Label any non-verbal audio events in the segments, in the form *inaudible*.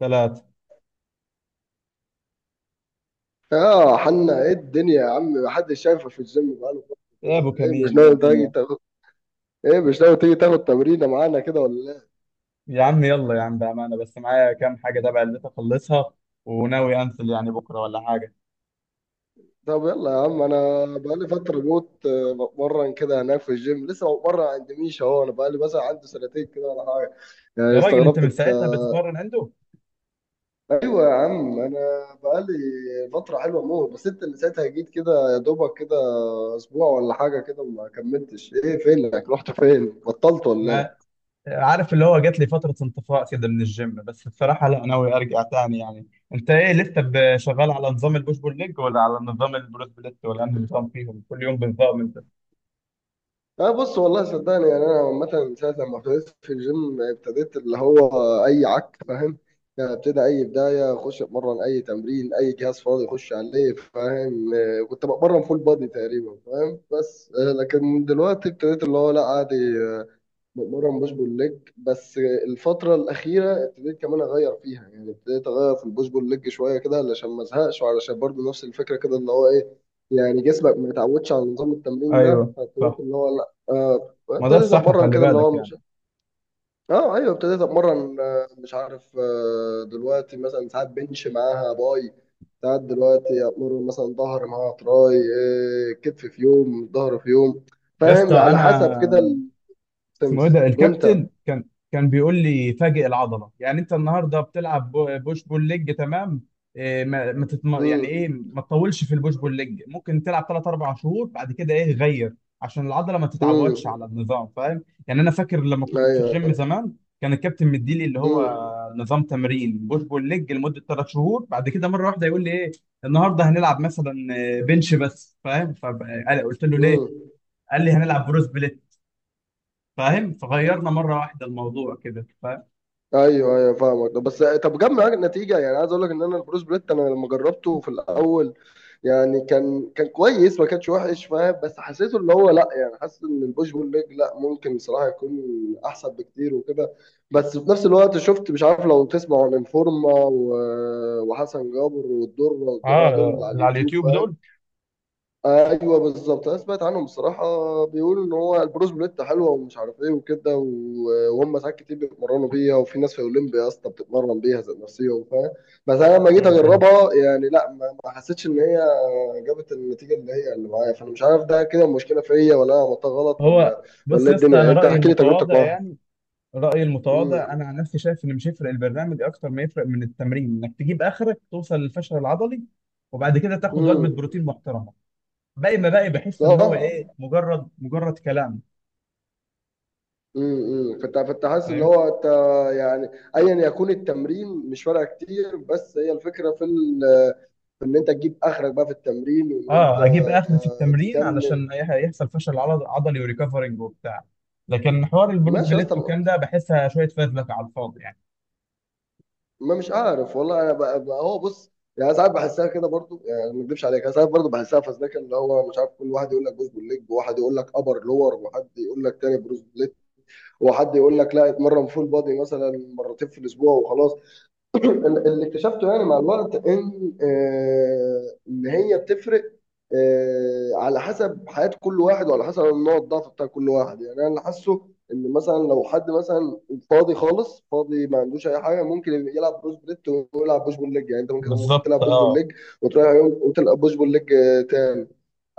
ثلاثة. اه، حنا ايه الدنيا يا عم؟ محدش شايفه في الجيم بقاله. يا أبو ايه مش كميل، إيه ناوي تيجي الدنيا؟ تاخد ايه، مش ناوي تيجي تاخد تمرينه معانا كده ولا لا؟ يا عم، يلا يا عم، بأمانة، بس معايا كام حاجة تبع اللي أخلصها، وناوي أنزل يعني بكرة ولا حاجة. طب يلا يا عم، انا بقالي فتره موت بتمرن كده هناك في الجيم، لسه بتمرن عند ميشا اهو. انا بقالي مثلا عندي سنتين كده ولا حاجه، يعني يا راجل، أنت استغربت من انت. ساعتها بتتمرن عنده؟ ايوه يا عم، انا بقالي فتره حلوه موت، بس انت اللي ساعتها جيت كده يا دوبك كده اسبوع ولا حاجه كده وما كملتش. ايه، فينك؟ رحت فين؟ بطلت ما ولا؟ عارف، اللي هو جات لي فترة انطفاء كده من الجيم، بس بصراحة لا، ناوي أرجع تاني يعني. أنت إيه، لسه شغال على نظام البوش بول ليج، ولا على نظام البروس بليت، ولا أنهي نظام فيهم كل يوم بنظام أنت؟ أه، بص والله صدقني، يعني أنا عامة من ساعة لما ابتديت في الجيم ابتديت اللي هو أي عك، فاهم؟ يعني ابتدى أي بداية أخش أتمرن، أي تمرين، أي جهاز فاضي أخش عليه، فاهم؟ أه، كنت بتمرن فول بادي تقريبا، فاهم؟ بس أه، لكن دلوقتي ابتديت اللي هو لا عادي مؤمرة مش بول ليج بس. الفترة الأخيرة ابتديت كمان أغير فيها، يعني ابتديت أغير في البوش بول ليج شوية كده علشان ما أزهقش، وعلشان برضو نفس الفكرة كده اللي هو إيه، يعني جسمك ما يتعودش على نظام التمرين ده. أيوه، فابتديت صح. اللي هو لأ، ما ده ابتديت الصح، أتمرن خلي كده اللي بالك هو يعني. مش... أه أيوه، ابتديت أتمرن، مش عارف، دلوقتي مثلا ساعات بنش معاها باي، ساعات دلوقتي أتمرن مثلا ظهر معاها تراي، كتف في يوم، ظهر في يوم، يا اسطى، فاهم؟ على أنا حسب كده اسمه ايه السمس. ده وأنت؟ الكابتن، كان بيقول لي فاجئ العضله، يعني انت النهارده بتلعب بوش بول ليج، تمام. إيه، ما ما تتم... يعني امم. ايه، ما تطولش في البوش بول ليج، ممكن تلعب 3 4 شهور بعد كده ايه غير، عشان العضله ما امم. تتعودش على النظام، فاهم؟ يعني انا فاكر لما كنت في ايوه. الجيم زمان كان الكابتن مديلي اللي هو امم. نظام تمرين بوش بول ليج لمده 3 شهور. بعد كده مره واحده يقول لي ايه، النهارده هنلعب مثلا بنش بس، فاهم؟ فقلت له ليه؟ امم. قال لي هنلعب بروس، فاهم؟ فغيرنا مره واحده الموضوع كده، فاهم. ايوه ايوه فاهمك. بس طب جاب معاك النتيجه يعني؟ عايز اقول لك ان انا البروس بليت انا لما جربته في الاول، يعني كان كويس، ما كانش وحش، فاهم؟ بس حسيته اللي هو لا، يعني حاسس ان البوش بول ليج لا ممكن صراحه يكون احسن بكتير وكده. بس في نفس الوقت شفت، مش عارف لو تسمع عن انفورما وحسن جابر والدره والجماعه دول اه، على اللي على اليوتيوب. اليوتيوب دول. ايوه بالظبط، انا سمعت عنهم بصراحه، بيقولوا ان هو البروز بليت حلوه ومش عارف ايه وكده، وهم ساعات كتير بيتمرنوا بيها، وفي ناس في اولمبيا اصلا بتتمرن بيها ذات نفسيا، فاهم؟ بس انا لما جيت م- م. اجربها يعني لا، ما حسيتش ان هي جابت النتيجه اللي هي اللي معايا. فانا مش عارف ده كده المشكله فيا ولا انا عملتها غلط ولا هو بص ولا يا ايه الدنيا؟ اسطى، يعني انا انت رايي احكي لي تجربتك المتواضع معاها. يعني، رايي المتواضع امم. انا عن نفسي، شايف ان مش يفرق البرنامج اكتر ما يفرق من التمرين، انك تجيب اخرك توصل للفشل العضلي، وبعد كده تاخد وجبه امم. بروتين محترمه. باقي ما باقي، بحس ان هو ايه، صح. مجرد كلام. امم، كنت حاسس اللي فاهم، هو انت يعني ايا يكون التمرين مش فارقه كتير، بس هي الفكره في ال... في ان انت تجيب اخرك بقى في التمرين، وان انت اه، اجيب اخر في التمرين تكمل. علشان هيحصل فشل عضلي، وريكفرنج وبتاع. لكن حوار البروس ماشي يا اسطى. بليت وكام ده، بحسها شويه فزلكه على الفاضي يعني. ما مش عارف والله، انا بقى، هو بص، يعني ساعات بحسها كده برضو، يعني ما اكذبش عليك، أنا ساعات برضو بحسها فزلكه، اللي هو مش عارف كل واحد يقول لك بوش بول ليج، وواحد يقول لك ابر لور، وحد يقول لك تاني بروز بليت، وحد يقول لك لا اتمرن فول بادي مثلا مرتين في الاسبوع وخلاص. *clears throat* اللي اكتشفته يعني مع الوقت ان ان هي بتفرق على حسب حياة كل واحد، وعلى حسب النوع الضعف بتاع كل واحد. يعني انا اللي حاسه ان مثلا لو حد مثلا فاضي خالص، فاضي ما عندوش اي حاجه، ممكن يلعب بروس بليت ويلعب بوش بول ليج. يعني انت ممكن بالظبط، تلعب بوش بول اه، ليج وتروح يوم وتلعب بوش بول ليج تاني.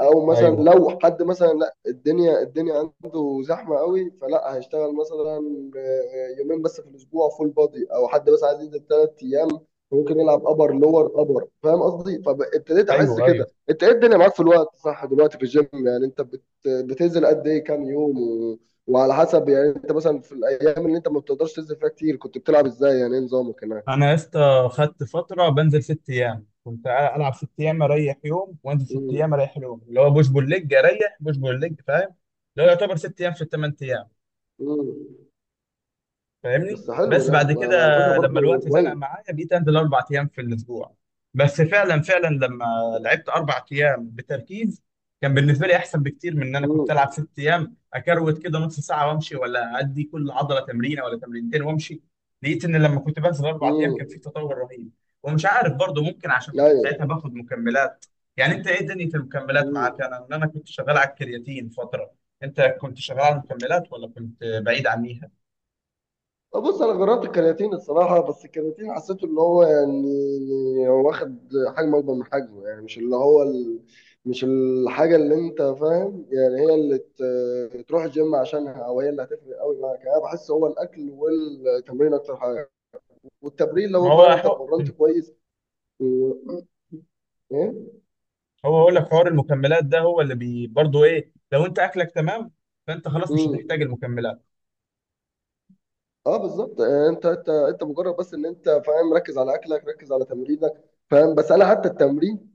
او مثلا ايوه، لو حد مثلا الدنيا عنده زحمه قوي، فلا هيشتغل مثلا يومين بس في الاسبوع فول بادي، او حد بس عايز ينزل ثلاث ايام ممكن يلعب ابر لور ابر، فاهم قصدي؟ فابتديت احس ايوه، ايوه. كده. انت ايه الدنيا معاك في الوقت صح دلوقتي في الجيم؟ يعني انت بتنزل قد ايه؟ كام يوم و... وعلى حسب، يعني انت مثلا في الايام اللي انت ما بتقدرش تنزل فيها كتير كنت بتلعب ازاي؟ يعني ايه نظامك هناك؟ انا يا اسطى، خدت فتره بنزل 6 ايام، كنت العب 6 ايام اريح يوم، وانزل ست مم. ايام اريح يوم، اللي هو بوش بول ليج اريح بوش بول ليج، فاهم؟ اللي هو يعتبر 6 ايام في ال 8 ايام. مم. فاهمني. بس حلو بس ده، بعد كده ما على فكره لما برضه الوقت زنق كويس. معايا، بقيت انزل 4 ايام في الاسبوع. بس فعلا فعلا، لما لعبت 4 ايام بتركيز، كان بالنسبه لي احسن بكتير من ان انا كنت امم. العب 6 ايام اكروت كده نص ساعه وامشي، ولا ادي كل عضله تمرينه ولا تمرينتين وامشي. لقيت ان لما كنت بنزل 4 ايام امم. كان في تطور رهيب. ومش عارف برضه، ممكن عشان كنت ساعتها ايوه. باخد مكملات. يعني انت، ايه دنيا المكملات معاك؟ مم. انا ان انا كنت شغال على الكرياتين فتره، انت كنت شغال على المكملات ولا كنت بعيد عنيها؟ بص انا جربت الكرياتين الصراحه، بس الكرياتين حسيته اللي هو يعني واخد حجم اكبر من حجمه، يعني مش اللي هو ال... مش الحاجه اللي انت فاهم يعني هي اللي تروح الجيم عشانها، او هي اللي هتفرق قوي معاك. يعني انا بحس هو الاكل والتمرين اكتر حاجه، والتمرين ما لو هو فعلا انت حق. اتمرنت كويس و... ايه؟ هو هقول لك حوار المكملات ده، هو اللي بي برضه ايه، لو انت اكلك تمام، فانت خلاص مش مم. هتحتاج المكملات. اه بالظبط، انت مجرد بس ان انت فاهم، ركز على اكلك ركز على تمرينك، فاهم؟ بس انا حتى التمرين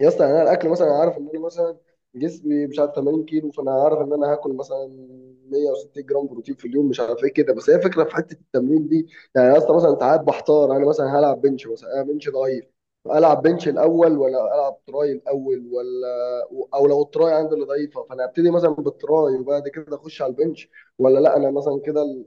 يا اسطى، يعني انا الاكل مثلا، أنا عارف ان انا مثلا جسمي مش عارف 80 كيلو، فانا عارف ان انا هاكل مثلا 160 جرام بروتين في اليوم مش عارف ايه كده. بس هي فكره في حته التمرين دي يعني يا اسطى. مثلا ساعات بحتار، انا مثلا هلعب بنش، مثلا انا بنش ضعيف، العب بنش الاول ولا العب تراي الاول؟ ولا او لو التراي عندي اللي ضعيفه فانا ابتدي مثلا بالتراي وبعد كده اخش على البنش؟ ولا لا انا مثلا كده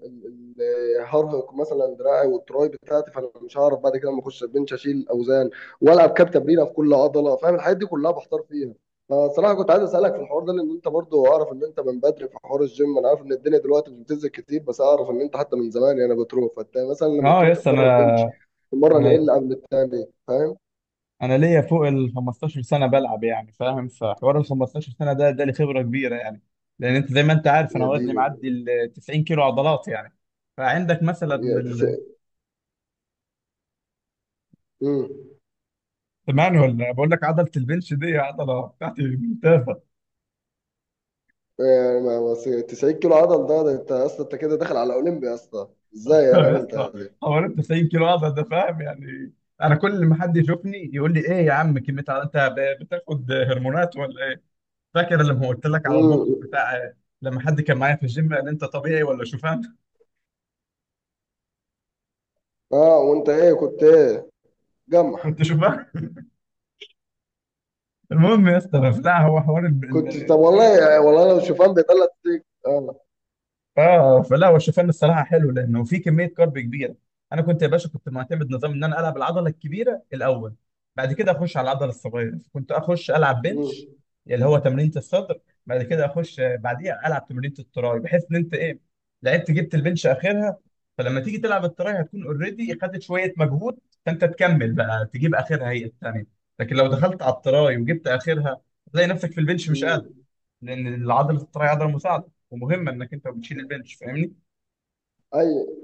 هرهق مثلا دراعي والتراي بتاعتي، فانا مش هعرف بعد كده لما اخش البنش اشيل اوزان والعب كاب تمرينه في كل عضله، فاهم؟ الحاجات دي كلها بحتار فيها. فصراحه كنت عايز اسالك في الحوار ده، لان انت برضو اعرف ان انت من بدري في حوار الجيم. انا عارف ان الدنيا دلوقتي مش بتنزل كتير، بس اعرف ان انت حتى من زمان يعني بتروح. فانت مثلا لما اه، تروح يس، تتمرن بنش، تتمرن ايه انا اللي قبل التاني، فاهم؟ انا ليا فوق ال 15 سنه بلعب يعني، فاهم؟ فحوار ال 15 سنه ده لي خبره كبيره يعني، لان انت زي ما انت عارف، انا يا وزني ديني. معدي ال 90 كيلو عضلات يعني. فعندك مثلا يا تس... مم. سمعني، ولا بقول لك؟ عضله البنش دي عضله بتاعتي ممتازه. يعني 90 كيلو عضل ده، ده انت اصلا انت كده داخل على اولمبيا اصلا. ازاي انا يا عملت اسطى، حوالي 90 كيلو عضل ده، فاهم يعني؟ انا كل ما حد يشوفني يقول لي ايه يا عم كميه عضل، انت بتاخد هرمونات ولا ايه؟ فاكر لما قلت لك على الموقف هذه؟ بتاع، لما حد كان معايا في الجيم قال انت طبيعي ولا شوفان؟ *laughs* اه وانت ايه كنت ايه، جمح؟ كنت شوفان. المهم يا اسطى، لا، هو حوار، كنت طب والله، والله لو شوفان بيطلع تيك. اه. اه فلا، هو الشوفان الصراحه حلو لانه في كميه كارب كبيره. انا كنت يا باشا، كنت معتمد نظام ان انا العب العضله الكبيره الاول، بعد كده اخش على العضله الصغيره. كنت اخش العب بنش، مم. اللي هو تمرينه الصدر. بعد كده اخش بعديها العب تمرينه التراي، بحيث ان انت ايه، لعبت جبت البنش اخرها. فلما تيجي تلعب التراي هتكون اوريدي خدت شويه مجهود، فانت تكمل بقى تجيب اخرها هي الثانيه. لكن لو دخلت على التراي وجبت اخرها، هتلاقي نفسك في البنش مش مم. قادر، لان العضله الطريه عضله مساعده ومهمه انك انت بتشيل البنش، فاهمني. ايوه.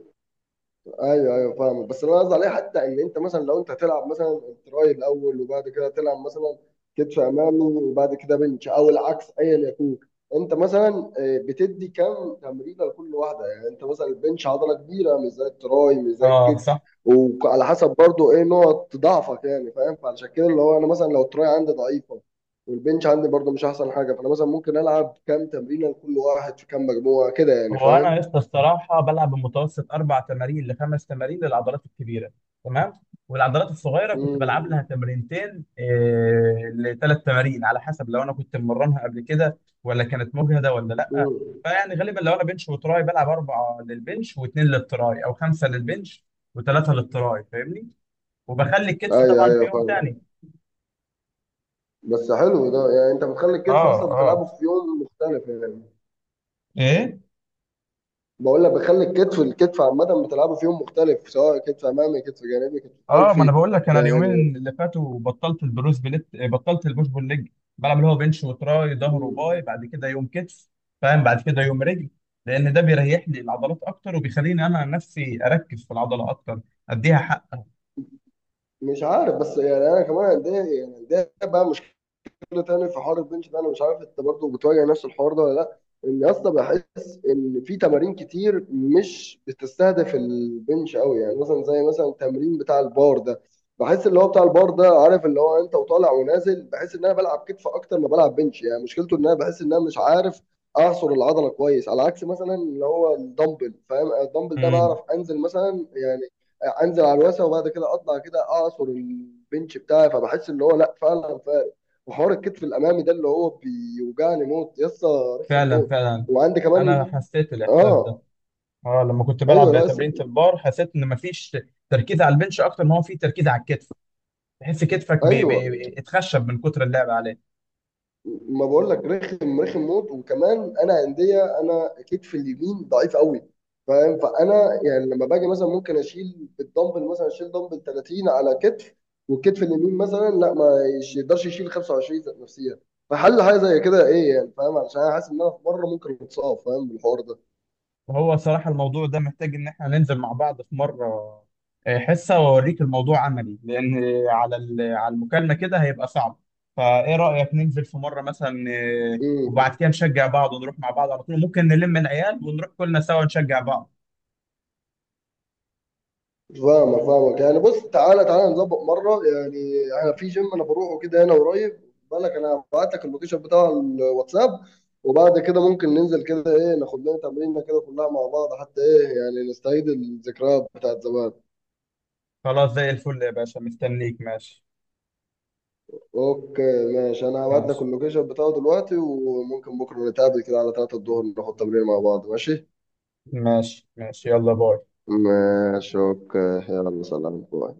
ايوه ايوه فاهمك. بس اللي انا قصدي عليه حتى ان انت مثلا، لو انت تلعب مثلا تراي الاول وبعد كده تلعب مثلا كتف امامي وبعد كده بنش، او العكس ايا يكون، انت مثلا بتدي كام تمرينه لكل واحده؟ يعني انت مثلا البنش عضله كبيره مش زي التراي، مش زي اه الكتف. صح. وعلى حسب برضو ايه نقط ضعفك، يعني فاهم؟ فعشان كده اللي هو انا مثلا لو التراي عندي ضعيفه والبنش عندي برضو مش احسن حاجه، فانا مثلا ممكن العب كام تمرينه لكل واحد في كام مجموعه كده يعني، هو فاهم؟ انا يا اسطى الصراحه بلعب بمتوسط اربع تمارين لخمس تمارين للعضلات الكبيره، تمام. والعضلات الصغيره كنت بلعب لها تمرينتين إيه لثلاث تمارين، على حسب لو انا كنت مرنها قبل كده ولا كانت مجهده ولا لا. امم. فيعني غالبا لو انا بنش وتراي، بلعب اربعه للبنش واثنين للتراي، او خمسه للبنش وثلاثه للتراي، فاهمني. وبخلي الكتف ايوه طبعا في ايوه يوم تاني. فاهم. بس حلو ده، يعني انت بتخلي الكتف اه، اصلا اه، بتلعبه في يوم مختلف يعني؟ ايه، بقول لك، بتخلي الكتف، الكتف عامه بتلعبه في يوم مختلف، سواء كتف امامي كتف جانبي كتف اه. ما انا خلفي بقول لك، انا يعني. اليومين اللي فاتوا بطلت البروس بليت، بطلت البوش بول ليج. بلعب اللي هو بنش وتراي، ظهر وباي، م- بعد كده يوم كتف، فاهم. بعد كده يوم رجل، لان ده بيريح لي العضلات اكتر، وبيخليني انا نفسي اركز في العضله اكتر. اديها حق. مش عارف، بس يعني انا كمان عندي، يعني عندي بقى مشكله كده تاني في حوار البنش ده. انا مش عارف انت برضه بتواجه نفس الحوار ده ولا لا، ان يا اسطى بحس ان في تمارين كتير مش بتستهدف البنش قوي. يعني مثلا زي مثلا التمرين بتاع البار ده، بحس اللي هو بتاع البار ده، عارف اللي هو انت وطالع ونازل، بحس ان انا بلعب كتف اكتر ما بلعب بنش. يعني مشكلته ان انا بحس ان انا مش عارف اعصر العضله كويس، على عكس مثلا اللي هو الدمبل، فاهم؟ الدمبل ده بعرف امم انزل مثلا يعني انزل على الواسع وبعد كده اطلع كده اعصر البنش بتاعي، فبحس اللي هو لا فعلا. وحوار الكتف الامامي ده اللي هو بيوجعني موت يسطا، رخم فعلا موت. فعلا، وعندي انا كمان. حسيت الاحساس ده، اه. اه. لما كنت ايوه. بلعب لا تمرينة يس-. البار حسيت ان مفيش تركيز على البنش اكتر ما هو في تركيز على الكتف، تحس كتفك ايوه، بيتخشب من كتر اللعب عليه. ما بقول لك رخم رخم موت. وكمان انا عندي، انا كتف اليمين ضعيف قوي، فاهم؟ فانا يعني لما باجي مثلا ممكن اشيل بالدمبل، مثلا اشيل دمبل 30 على كتف، والكتف اليمين مثلا لا، ما يش- يقدرش يشيل 25 ذات نفسيا. فحل حاجه زي كده ايه يعني، فاهم؟ علشان انا حاسس ان انا في مره ممكن اتصاب، فاهم بالحوار ده؟ هو صراحة الموضوع ده محتاج إن إحنا ننزل مع بعض في مرة، حصة، وأوريك الموضوع عملي، لأن على على المكالمة كده هيبقى صعب. فإيه رأيك ننزل في مرة مثلا، وبعد امم. كده نشجع بعض ونروح مع بعض على طول. ممكن نلم العيال ونروح كلنا سوا نشجع بعض. فاهمك يعني، بص، تعالى نظبط مرة يعني. انا في جيم انا بروحه كده هنا قريب، بالك؟ انا هبعت لك اللوكيشن بتاع الواتساب، وبعد كده ممكن ننزل كده، ايه ناخد لنا تمرينة كده كلها مع بعض، حتى ايه يعني نستعيد الذكريات بتاعت زمان. خلاص، زي الفل يا باشا، مستنيك. ماشي. اوكي ماشي، انا هبعت لك ماشي اللوكيشن بتاعه دلوقتي، وممكن بكرة نتقابل كده على 3 الظهر، ناخد تمرين مع بعض، ماشي؟ ماشي، ماشي يلا، باي. ماشي اوكي. يلا سلام، باي.